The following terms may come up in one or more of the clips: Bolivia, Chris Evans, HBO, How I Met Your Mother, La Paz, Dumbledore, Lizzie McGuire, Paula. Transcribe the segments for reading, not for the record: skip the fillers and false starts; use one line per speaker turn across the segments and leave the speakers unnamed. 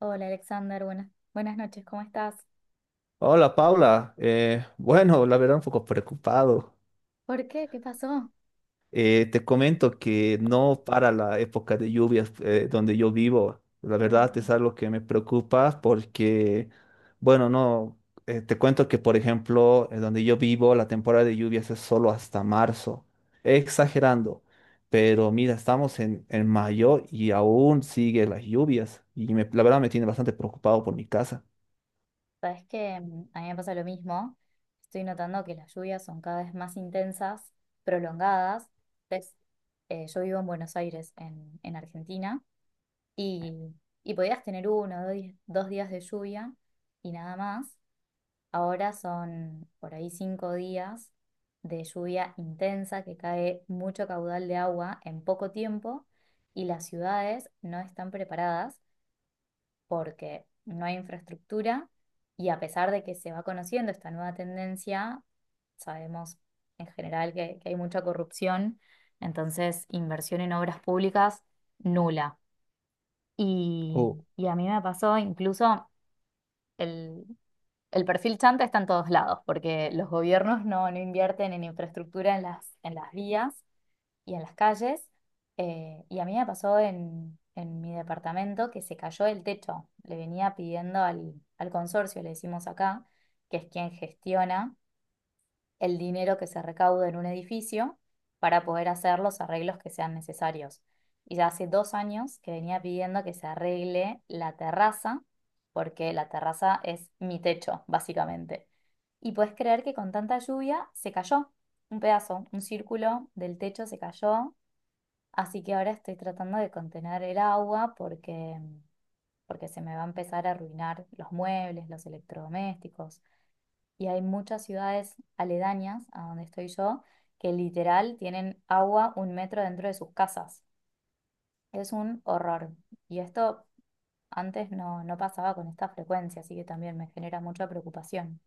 Hola Alexander, buenas, buenas noches, ¿cómo estás?
Hola Paula. Bueno, la verdad un poco preocupado.
¿Por qué? ¿Qué pasó?
Te comento que no para la época de lluvias donde yo vivo. La
Uh,
verdad es algo que me preocupa porque, bueno, no, te cuento que por ejemplo, donde yo vivo, la temporada de lluvias es solo hasta marzo. Exagerando, pero mira, estamos en mayo y aún sigue las lluvias y la verdad me tiene bastante preocupado por mi casa.
sabes que a mí me pasa lo mismo. Estoy notando que las lluvias son cada vez más intensas, prolongadas. Ves, yo vivo en Buenos Aires, en Argentina, y, y podías tener uno o dos días de lluvia y nada más. Ahora son por ahí cinco días de lluvia intensa que cae mucho caudal de agua en poco tiempo y las ciudades no están preparadas porque no hay infraestructura, y a pesar de que se va conociendo esta nueva tendencia, sabemos en general que hay mucha corrupción, entonces inversión en obras públicas nula. Y, y a mí me pasó incluso el, el perfil chanta está en todos lados, porque los gobiernos no invierten en infraestructura en las vías y en las calles. Y a mí me pasó en mi departamento, que se cayó el techo. Le venía pidiendo al consorcio, le decimos acá, que es quien gestiona el dinero que se recauda en un edificio para poder hacer los arreglos que sean necesarios. Y ya hace dos años que venía pidiendo que se arregle la terraza, porque la terraza es mi techo, básicamente. Y puedes creer que con tanta lluvia se cayó un pedazo, un círculo del techo se cayó, así que ahora estoy tratando de contener el agua porque, porque se me va a empezar a arruinar los muebles, los electrodomésticos, y hay muchas ciudades aledañas a donde estoy yo que literal tienen agua un metro dentro de sus casas. Es un horror. Y esto antes no pasaba con esta frecuencia, así que también me genera mucha preocupación.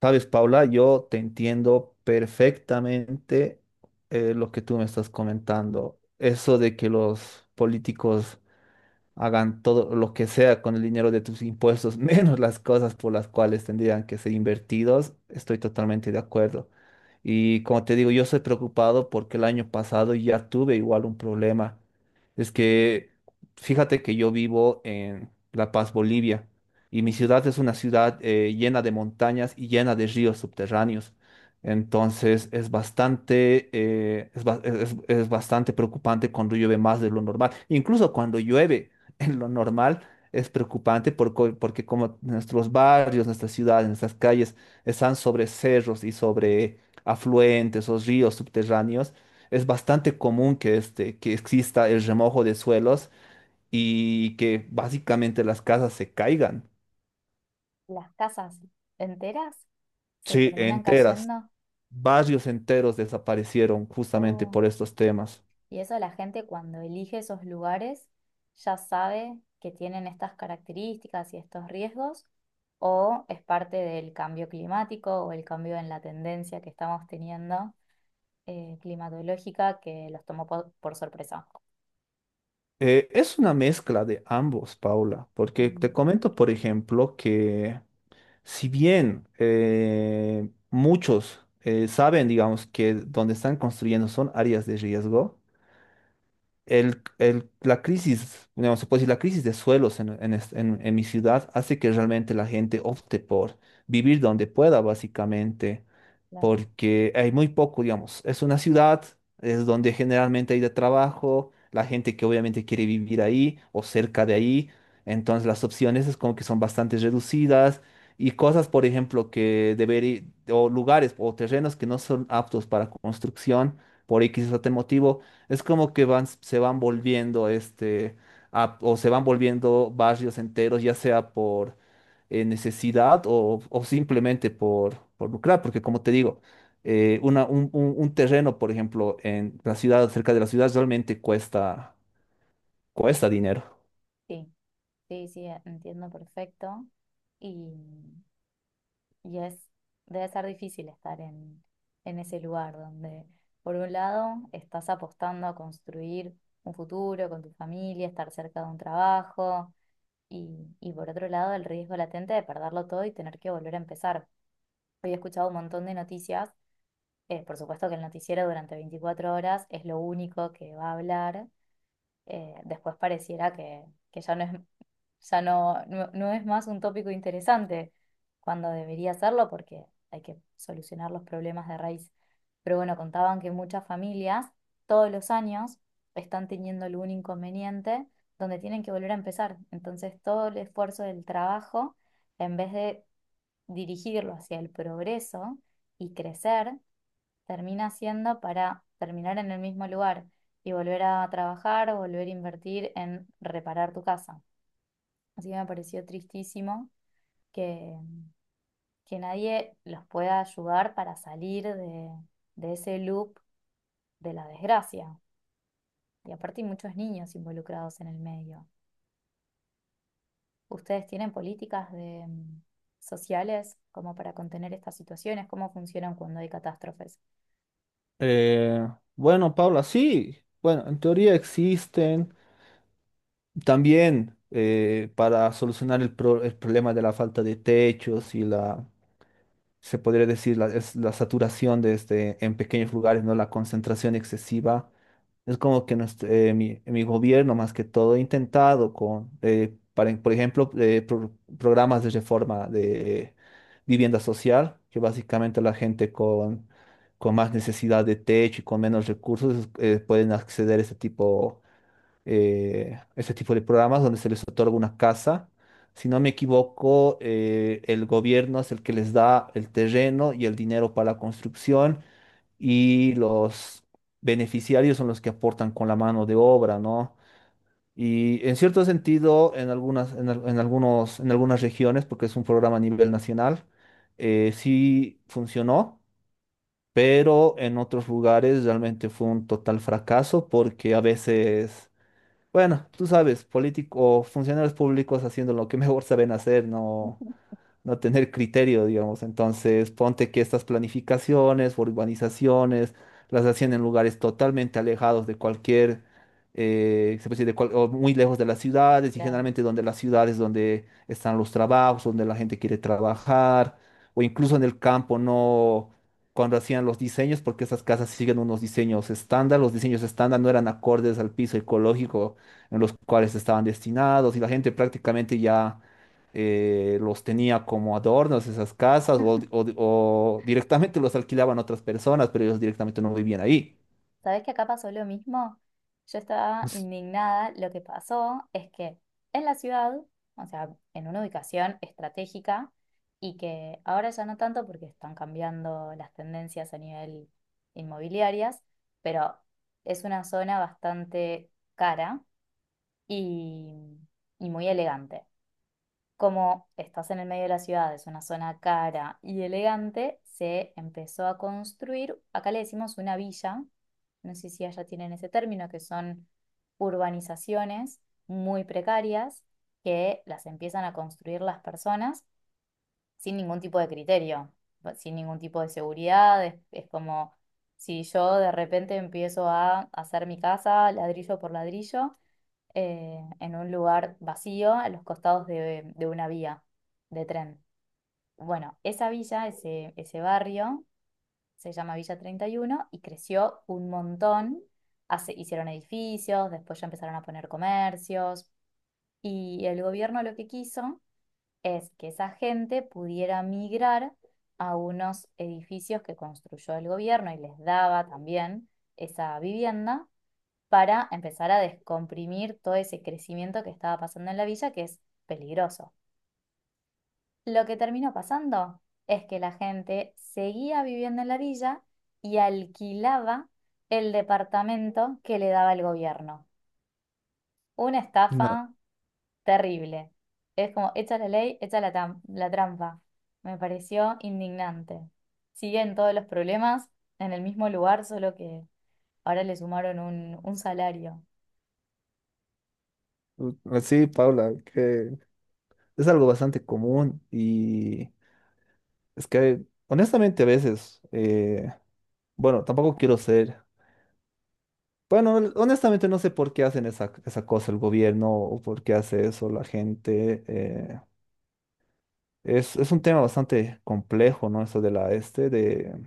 Sabes, Paula, yo te entiendo perfectamente lo que tú me estás comentando. Eso de que los políticos hagan todo lo que sea con el dinero de tus impuestos, menos las cosas por las cuales tendrían que ser invertidos, estoy totalmente de acuerdo. Y como te digo, yo soy preocupado porque el año pasado ya tuve igual un problema. Es que fíjate que yo vivo en La Paz, Bolivia, y mi
Ujú.
ciudad es una ciudad llena de montañas y llena de ríos subterráneos. Entonces es bastante, es, ba- es bastante preocupante cuando llueve más de lo normal. Incluso cuando llueve, en lo normal es preocupante porque como nuestros barrios, nuestras ciudades, nuestras calles están sobre cerros y sobre afluentes o ríos subterráneos, es bastante común que, que exista el remojo de suelos y que básicamente las casas se caigan.
Las casas enteras se
Sí,
terminan
enteras.
cayendo.
Barrios enteros desaparecieron justamente
Oh.
por estos temas.
Y eso, la gente, cuando elige esos lugares, ya sabe que tienen estas características y estos riesgos, o es parte del cambio climático o el cambio en la tendencia que estamos teniendo climatológica, que los tomó por sorpresa.
Es una mezcla de ambos, Paula, porque te
Mm,
comento, por ejemplo, que si bien muchos saben, digamos, que donde están construyendo son áreas de riesgo, la crisis, digamos, se puede decir, la crisis de suelos en mi ciudad hace que realmente la gente opte por vivir donde pueda, básicamente
claro.
porque hay muy poco, digamos. Es una ciudad, es donde generalmente hay de trabajo, la gente que obviamente quiere vivir ahí o cerca de ahí, entonces las opciones es como que son bastante reducidas y cosas, por ejemplo, o lugares o terrenos que no son aptos para construcción por X o T motivo, es como que van, se van volviendo o se van volviendo barrios enteros, ya sea por necesidad o simplemente por lucrar, porque como te digo, un terreno, por ejemplo, en la ciudad, cerca de la ciudad, realmente cuesta dinero.
Sí, sí, sí, entiendo perfecto. Y Y es, Debe ser difícil estar en ese lugar donde, por un lado, estás apostando a construir un futuro con tu familia, estar cerca de un trabajo, y por otro lado, el riesgo latente de perderlo todo y tener que volver a empezar. Hoy he escuchado un montón de noticias. Por supuesto que el noticiero durante 24 horas es lo único que va a hablar, después pareciera que ya no es, ya no es más un tópico interesante, cuando debería serlo, porque hay que solucionar los problemas de raíz. Pero bueno, contaban que muchas familias todos los años están teniendo algún inconveniente donde tienen que volver a empezar. Entonces todo el esfuerzo del trabajo, en vez de dirigirlo hacia el progreso y crecer, termina haciendo para terminar en el mismo lugar y volver a trabajar o volver a invertir en reparar tu casa. Así que me pareció tristísimo que, que nadie los pueda ayudar para salir de ese loop de la desgracia. Y aparte hay muchos niños involucrados en el medio. ¿Ustedes tienen políticas de, sociales, como para contener estas situaciones? ¿Cómo funcionan cuando hay catástrofes?
Eh, bueno, Paula, sí, bueno, en teoría existen también para solucionar el problema de la falta de techos y la, se podría decir, la, es la saturación de en pequeños lugares, ¿no? La concentración excesiva. Es como que mi gobierno, más que todo, ha intentado por ejemplo, programas de reforma de vivienda social, que básicamente la gente con más necesidad de techo y con menos recursos, pueden acceder a este tipo ese tipo de programas donde se les otorga una casa. Si no me equivoco, el gobierno es el que les da el terreno y el dinero para la construcción y los beneficiarios son los que aportan con la mano de obra, ¿no? Y en cierto sentido, en algunos, en algunas regiones, porque es un programa a nivel nacional, sí funcionó, pero en otros lugares realmente fue un total fracaso porque a veces, bueno, tú sabes, políticos o funcionarios públicos haciendo lo que mejor saben hacer, no, no tener criterio, digamos. Entonces, ponte que estas planificaciones, urbanizaciones, las hacían en lugares totalmente alejados de cualquier, se puede decir, o muy lejos de las ciudades, y
Claro.
generalmente donde las ciudades donde están los trabajos, donde la gente quiere trabajar, o incluso en el campo, no, cuando hacían los diseños, porque esas casas siguen unos diseños estándar, los diseños estándar no eran acordes al piso ecológico en los cuales estaban destinados, y la gente prácticamente ya los tenía como adornos esas casas o directamente los alquilaban a otras personas, pero ellos directamente no vivían ahí.
¿Sabés que acá pasó lo mismo? Yo estaba
Es
indignada. Lo que pasó es que en la ciudad, o sea, en una ubicación estratégica, y que ahora ya no tanto porque están cambiando las tendencias a nivel inmobiliarias, pero es una zona bastante cara y, y muy elegante; como estás en el medio de la ciudad, es una zona cara y elegante, se empezó a construir, acá le decimos una villa, no sé si allá tienen ese término, que son urbanizaciones muy precarias, que las empiezan a construir las personas sin ningún tipo de criterio, va- sin ningún tipo de seguridad, es como si yo de repente empiezo a hacer mi casa ladrillo por ladrillo en un lugar vacío a los costados de una vía de tren. Bueno, esa villa, ese barrio, se llama Villa 31 y uno, y creció un montón. Hicieron edificios, después ya empezaron a poner comercios, y el gobierno lo que quiso es que esa gente pudiera migrar a unos edificios que construyó el gobierno, y les daba también esa vivienda para empezar a descomprimir todo ese crecimiento que estaba pasando en la villa, que es peligroso. Lo que terminó pasando es que la gente seguía viviendo en la villa y alquilaba el departamento que le daba el gobierno. Una
una-
estafa terrible. Es como, echa la ley, echa la, tam- la trampa. Me pareció indignante. Siguen todos los problemas en el mismo lugar, solo que ahora le sumaron un salario.
u- Sí, Paula, que es algo bastante común y es que honestamente a veces, bueno, tampoco quiero ser, bueno, honestamente no sé por qué hacen esa cosa el gobierno o por qué hace eso la gente. Es un tema bastante complejo, ¿no? Eso de la este,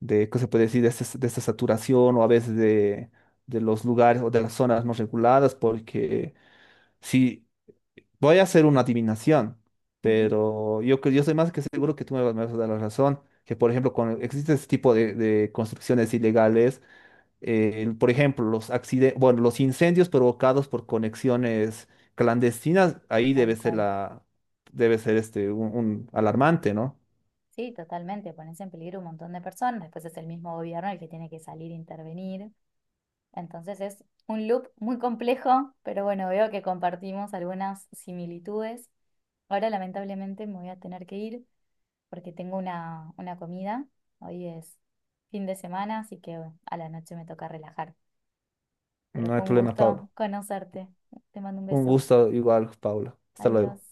de, ¿qué se puede decir? De esta, de esta saturación o a veces de los lugares o de las zonas no reguladas, porque si voy a hacer una adivinación,
Ujú.
pero yo estoy más que seguro que tú me vas a dar la razón, que por ejemplo, cuando existe este tipo de construcciones ilegales, por ejemplo, los accidentes, bueno, los incendios provocados por conexiones clandestinas, ahí
Tal
debe ser
cual.
la, debe ser un alarmante, ¿no?
Sí, totalmente, pones en peligro un montón de personas, después es el mismo gobierno el que tiene que salir e intervenir. Entonces es un loop muy complejo, pero bueno, veo que compartimos algunas similitudes. Ahora lamentablemente me voy a tener que ir porque tengo una comida. Hoy es fin de semana, así que bueno, a la noche me toca relajar. Pero
No hay
fue un
problema,
gusto
Pablo.
conocerte. Te mando un
Un
beso.
gusto igual, Paula. Hasta
Adiós.
luego.